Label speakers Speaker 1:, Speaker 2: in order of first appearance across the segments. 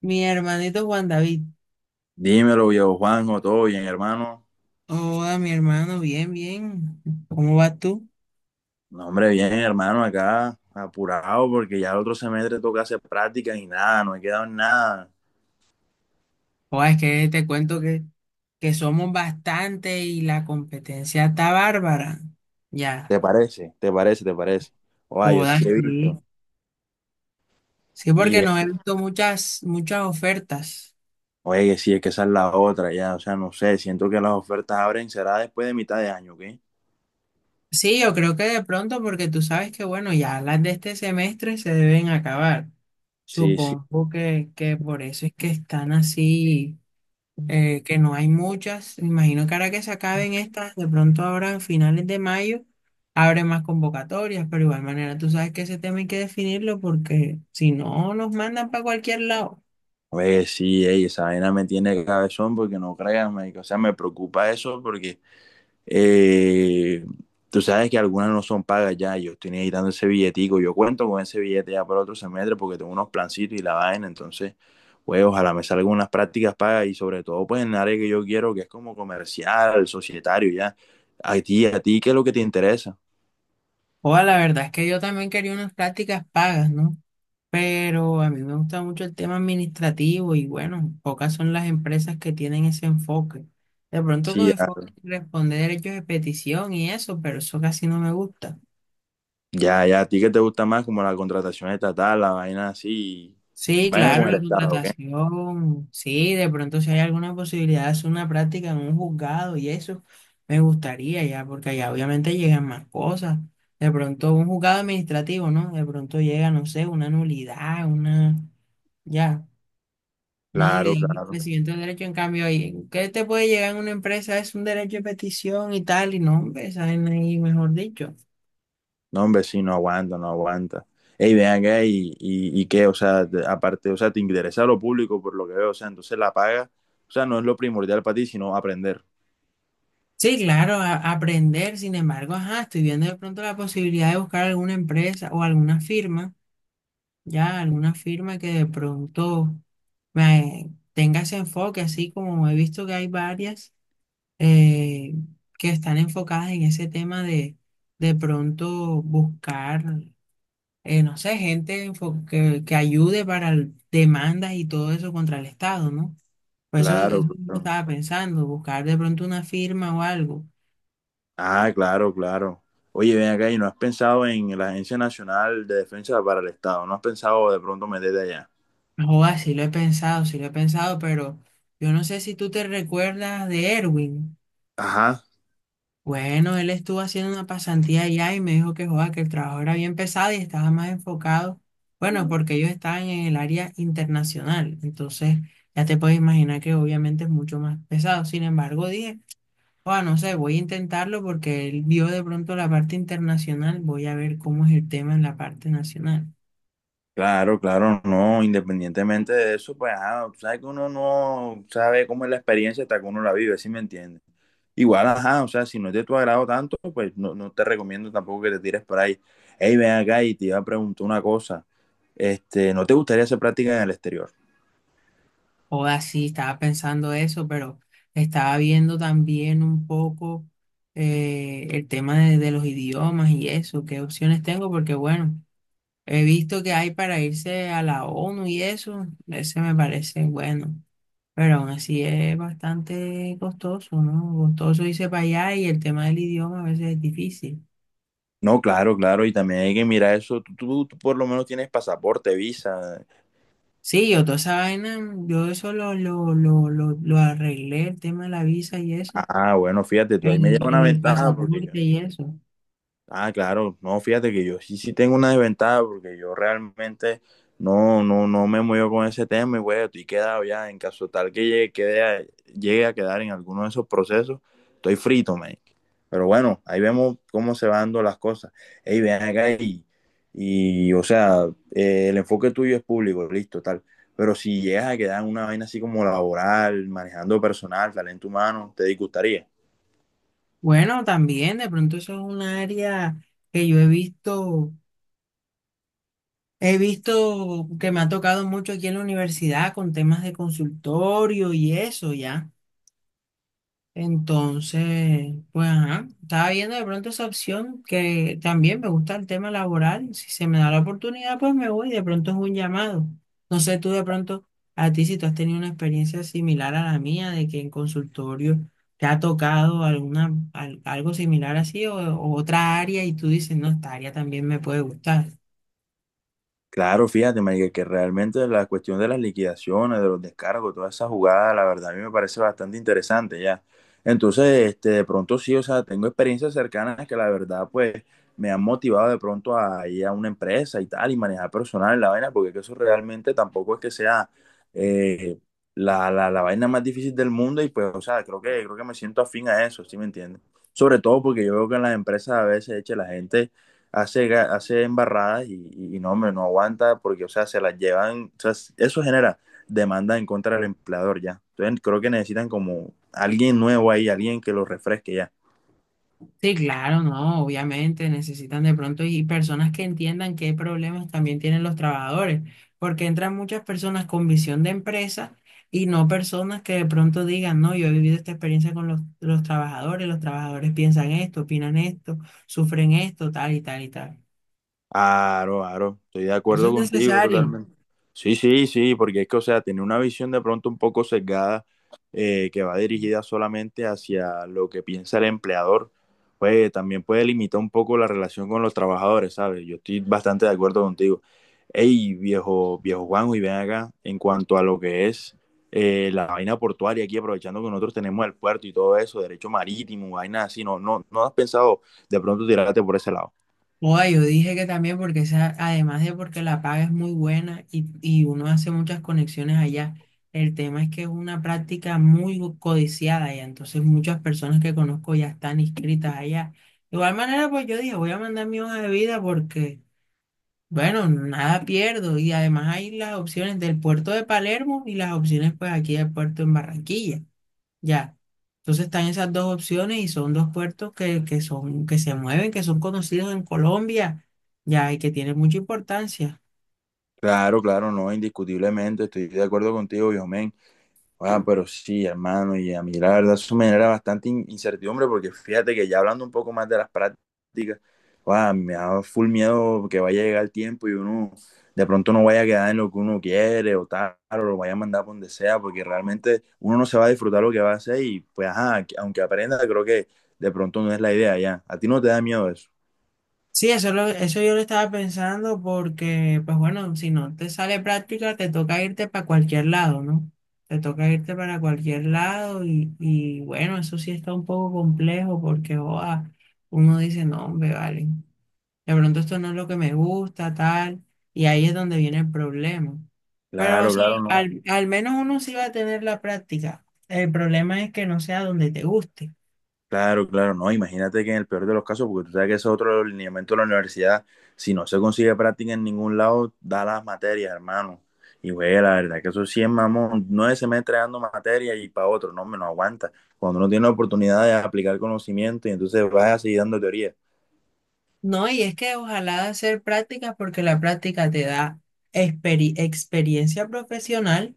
Speaker 1: Mi hermanito Juan David.
Speaker 2: Dímelo, viejo Juanjo, todo bien, hermano.
Speaker 1: Hola, mi hermano, bien, bien. ¿Cómo vas tú?
Speaker 2: No, hombre, bien, hermano, acá apurado porque ya el otro semestre toca hacer prácticas y nada, no he quedado en nada.
Speaker 1: Oh, es que te cuento que somos bastante y la competencia está bárbara. Ya.
Speaker 2: ¿Te parece? ¿Te parece? ¿Te parece? Oye, yo
Speaker 1: Joda,
Speaker 2: sí he
Speaker 1: sí.
Speaker 2: visto.
Speaker 1: Sí,
Speaker 2: Y,
Speaker 1: porque
Speaker 2: eh,
Speaker 1: no he visto muchas ofertas.
Speaker 2: Oye, sí, es que esa es la otra, ya, o sea, no sé, siento que las ofertas abren, será después de mitad de año, ¿qué?
Speaker 1: Sí, yo creo que de pronto, porque tú sabes que, bueno, ya las de este semestre se deben acabar.
Speaker 2: Sí, sí.
Speaker 1: Supongo que por eso es que están así. Que no hay muchas. Me imagino que ahora que se acaben estas, de pronto ahora en finales de mayo, abre más convocatorias, pero igual manera tú sabes que ese tema hay que definirlo porque si no nos mandan para cualquier lado.
Speaker 2: Oye, sí, ey, esa vaina me tiene cabezón porque no créanme, o sea, me preocupa eso porque Eh, Tú sabes que algunas no son pagas ya, yo estoy necesitando ese billetico, yo cuento con ese billete ya para otro semestre porque tengo unos plancitos y la vaina, entonces, pues ojalá me salgan unas prácticas pagas y sobre todo pues en el área que yo quiero, que es como comercial, societario ya. A ti, ¿qué es lo que te interesa?
Speaker 1: O la verdad es que yo también quería unas prácticas pagas, ¿no? Pero a mí me gusta mucho el tema administrativo y bueno, pocas son las empresas que tienen ese enfoque. De pronto
Speaker 2: Sí,
Speaker 1: con
Speaker 2: ya,
Speaker 1: enfoque en responder derechos de petición y eso, pero eso casi no me gusta.
Speaker 2: ya, ya, a ti que te gusta más como la contratación estatal, la vaina así,
Speaker 1: Sí,
Speaker 2: vaina con
Speaker 1: claro,
Speaker 2: el
Speaker 1: la
Speaker 2: Estado, ¿ok?
Speaker 1: contratación. Sí, de pronto si hay alguna posibilidad de hacer una práctica en un juzgado y eso, me gustaría ya, porque allá obviamente llegan más cosas. De pronto un juzgado administrativo, ¿no? De pronto llega, no sé, una nulidad, una, ya, una nulidad
Speaker 2: Claro,
Speaker 1: del
Speaker 2: claro.
Speaker 1: presidente del derecho. En cambio, ahí, ¿qué te puede llegar en una empresa? Es un derecho de petición y tal, y no, hombre, esa vaina ahí, mejor dicho.
Speaker 2: No, hombre, sí, no aguanta, no aguanta. Ey, ven acá y qué, o sea, te- aparte, o sea, te interesa lo público por lo que veo, o sea, entonces la paga, o sea, no es lo primordial para ti, sino aprender.
Speaker 1: Sí, claro, aprender, sin embargo, ajá, estoy viendo de pronto la posibilidad de buscar alguna empresa o alguna firma ya alguna firma que de pronto me tenga ese enfoque, así como he visto que hay varias eh, que están enfocadas en ese tema de pronto buscar, no sé, gente que ayude para demandas y todo eso contra el Estado, ¿no? Por eso, eso
Speaker 2: Claro,
Speaker 1: yo
Speaker 2: claro.
Speaker 1: estaba pensando, buscar de pronto una firma o algo.
Speaker 2: Ah, claro, claro. Oye, ven acá y no has pensado en la Agencia Nacional de Defensa para el Estado, no has pensado de pronto meterte allá.
Speaker 1: Joder, sí lo he pensado, sí lo he pensado, pero yo no sé si tú te recuerdas de Erwin.
Speaker 2: Ajá,
Speaker 1: Bueno, él estuvo haciendo una pasantía allá y me dijo que, joda, que el trabajo era bien pesado y estaba más enfocado. Bueno, porque ellos estaban en el área internacional. Entonces, ya te puedes imaginar que obviamente es mucho más pesado. Sin embargo, dije, joda, no sé, voy a intentarlo porque él vio de pronto la parte internacional. Voy a ver cómo es el tema en la parte nacional.
Speaker 2: claro, claro, no, independientemente de eso, pues, ajá, tú sabes que uno no sabe cómo es la experiencia hasta que uno la vive, ¿sí me entiendes? Igual, ajá, o sea, si no es de tu agrado tanto, pues no, no te recomiendo tampoco que te tires por ahí. Hey, ven acá y te iba a preguntar una cosa. Este, ¿no te gustaría hacer práctica en el exterior?
Speaker 1: Joda, sí, estaba pensando eso, pero estaba viendo también un poco el tema de los idiomas y eso, qué opciones tengo, porque bueno. He visto que hay para irse a la ONU y eso, ese me parece bueno, pero aún así es bastante costoso, ¿no? Costoso irse para allá y el tema del idioma a veces es difícil.
Speaker 2: No, claro, claro, y también hay que mirar eso. Tú por lo menos tienes pasaporte, visa.
Speaker 1: Sí, yo toda esa vaina, yo eso lo arreglé, el tema de la visa y eso,
Speaker 2: Ah, bueno, fíjate, tú ahí me lleva una
Speaker 1: el
Speaker 2: ventaja
Speaker 1: pasaporte
Speaker 2: porque
Speaker 1: y eso.
Speaker 2: ah, claro, no, fíjate que yo sí, sí tengo una desventaja porque yo realmente no me muevo con ese tema y bueno, estoy quedado ya en caso tal que llegue, quede a- llegue a quedar en alguno de esos procesos, estoy frito, man. Pero bueno, ahí vemos cómo se van dando las cosas. Ey, ven acá y o sea, el enfoque tuyo es público, listo, tal. Pero si llegas a quedar en una vaina así como laboral, manejando personal, talento humano, ¿te disgustaría?
Speaker 1: Bueno, también de pronto eso es un área que yo he visto. He visto que me ha tocado mucho aquí en la universidad con temas de consultorio y eso ya. Entonces, pues ajá, estaba viendo de pronto esa opción que también me gusta el tema laboral. Si se me da la oportunidad, pues me voy. De pronto es un llamado. No sé tú de pronto a ti si tú has tenido una experiencia similar a la mía de que en consultorio te ha tocado alguna algo similar así o otra área y tú dices, no, esta área también me puede gustar.
Speaker 2: Claro, fíjate, Marica, que realmente la cuestión de las liquidaciones, de los descargos, toda esa jugada, la verdad, a mí me parece bastante interesante ya. Entonces, este, de pronto sí, o sea, tengo experiencias cercanas que la verdad, pues, me han motivado de pronto a ir a una empresa y tal, y manejar personal la vaina, porque que eso realmente tampoco es que sea eh, la vaina más difícil del mundo, y pues, o sea, creo que me siento afín a eso, ¿sí me entiendes? Sobre todo porque yo veo que en las empresas a veces, eche, la gente hace, hace embarradas y no, hombre, no aguanta porque, o sea, se las llevan, o sea, eso genera demanda en contra del empleador ya. Entonces creo que necesitan como alguien nuevo ahí, alguien que lo refresque ya.
Speaker 1: Sí, claro, no, obviamente necesitan de pronto y personas que entiendan qué problemas también tienen los trabajadores, porque entran muchas personas con visión de empresa y no personas que de pronto digan, no, yo he vivido esta experiencia con los trabajadores piensan esto, opinan esto, sufren esto, tal y tal y tal.
Speaker 2: Aro, aro, estoy de
Speaker 1: Eso
Speaker 2: acuerdo
Speaker 1: es
Speaker 2: contigo
Speaker 1: necesario.
Speaker 2: totalmente. Sí, sí, sí, porque es que, o sea, tiene una visión de pronto un poco sesgada que va dirigida solamente hacia lo que piensa el empleador, pues también puede limitar un poco la relación con los trabajadores, ¿sabes? Yo estoy bastante de acuerdo contigo. Ey, viejo Juanjo, y ven acá, en cuanto a lo que es la vaina portuaria aquí, aprovechando que nosotros tenemos el puerto y todo eso, derecho marítimo, vainas así, no has pensado de pronto tirarte por ese lado.
Speaker 1: Oa, yo dije que también porque esa, además de porque la paga es muy buena y uno hace muchas conexiones allá, el tema es que es una práctica muy codiciada allá, entonces muchas personas que conozco ya están inscritas allá. De igual manera, pues yo dije, voy a mandar mi hoja de vida porque, bueno, nada pierdo y además hay las opciones del puerto de Palermo y las opciones pues aquí del puerto en Barranquilla. Ya. Entonces están esas dos opciones y son dos puertos que son, que se mueven, que son conocidos en Colombia, ya, y que tienen mucha importancia.
Speaker 2: Claro, claro, no, indiscutiblemente, estoy de acuerdo contigo, Yosmen. Ah, pero sí, hermano, y a mí la verdad eso me genera bastante in- incertidumbre porque fíjate que ya hablando un poco más de las prácticas, ah, me da full miedo que vaya a llegar el tiempo y uno de pronto no vaya a quedar en lo que uno quiere o tal, o lo vaya a mandar por donde sea, porque realmente uno no se va a disfrutar lo que va a hacer y pues, ajá, aunque aprenda, creo que de pronto no es la idea ya. ¿A ti no te da miedo eso?
Speaker 1: Sí, eso, eso yo lo estaba pensando porque, pues bueno, si no te sale práctica, te toca irte para cualquier lado, ¿no? Te toca irte para cualquier lado y bueno, eso sí está un poco complejo porque, joa, uno dice, no, hombre, vale. De pronto esto no es lo que me gusta, tal, y ahí es donde viene el problema. Pero
Speaker 2: Claro, claro,
Speaker 1: sí,
Speaker 2: no.
Speaker 1: al menos uno sí va a tener la práctica. El problema es que no sea donde te guste.
Speaker 2: Claro, claro, no, imagínate que en el peor de los casos, porque tú sabes que ese es otro lineamiento de la universidad, si no se consigue práctica en ningún lado, da las materias, hermano. Y güey, la verdad que eso sí es mamón, nueve semestres dando materia y para otro, no, me no aguanta. Cuando uno tiene la oportunidad de aplicar conocimiento y entonces vas a seguir dando teoría.
Speaker 1: No, y es que ojalá hacer prácticas porque la práctica te da experiencia profesional.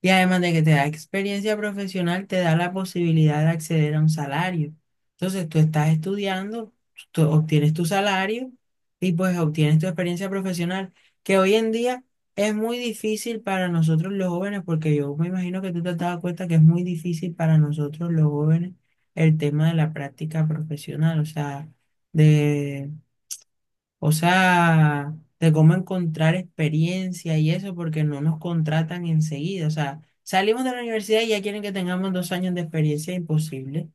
Speaker 1: Y además de que te da experiencia profesional, te da la posibilidad de acceder a un salario. Entonces, tú estás estudiando, tú obtienes tu salario y pues obtienes tu experiencia profesional, que hoy en día es muy difícil para nosotros los jóvenes, porque yo me imagino que tú te has dado cuenta que es muy difícil para nosotros los jóvenes el tema de la práctica profesional, de o sea, de cómo encontrar experiencia y eso, porque no nos contratan enseguida. O sea, salimos de la universidad y ya quieren que tengamos 2 años de experiencia, imposible.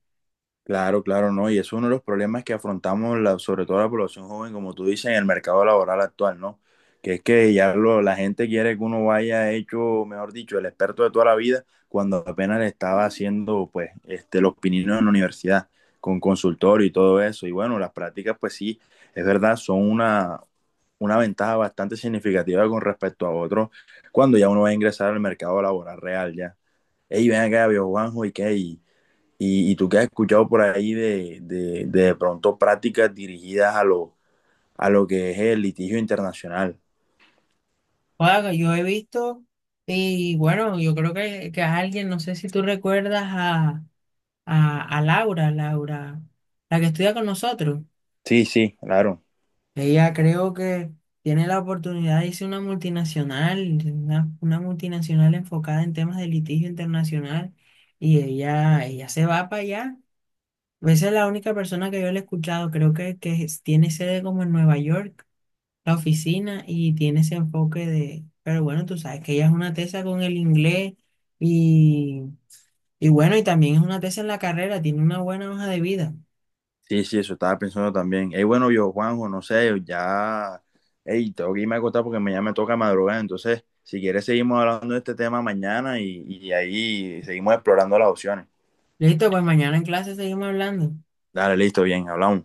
Speaker 2: Claro, claro, no. Y es uno de los problemas que afrontamos, la, sobre todo la población joven, como tú dices, en el mercado laboral actual, ¿no? Que es que ya lo, la gente quiere que uno vaya hecho, mejor dicho, el experto de toda la vida, cuando apenas le estaba haciendo, pues, este, los pininos en la universidad, con consultorio y todo eso. Y bueno, las prácticas, pues sí, es verdad, son una ventaja bastante significativa con respecto a otros, cuando ya uno va a ingresar al mercado laboral real, ya. Ey, ven acá, viejo Juanjo, ¿y qué? Y tú qué has escuchado por ahí de pronto prácticas dirigidas a lo que es el litigio internacional.
Speaker 1: Oiga, yo he visto, y bueno, yo creo que alguien, no sé si tú recuerdas a, a Laura, Laura, la que estudia con nosotros.
Speaker 2: Sí, sí, claro.
Speaker 1: Ella creo que tiene la oportunidad de irse a una multinacional, una multinacional enfocada en temas de litigio internacional, y ella se va para allá. Esa es la única persona que yo le he escuchado. Creo que tiene sede como en Nueva York, la oficina, y tiene ese enfoque de... Pero bueno, tú sabes que ella es una tesa con el inglés y, y bueno, y también es una tesa en la carrera, tiene una buena hoja de vida.
Speaker 2: Sí, sí, eso estaba pensando también. Ey, bueno, yo, Juanjo, no sé, ya, ey, tengo que irme a acostar porque mañana me toca madrugar. Entonces, si quieres, seguimos hablando de este tema mañana y ahí seguimos explorando las opciones.
Speaker 1: Listo, pues mañana en clase seguimos hablando.
Speaker 2: Dale, listo, bien, hablamos.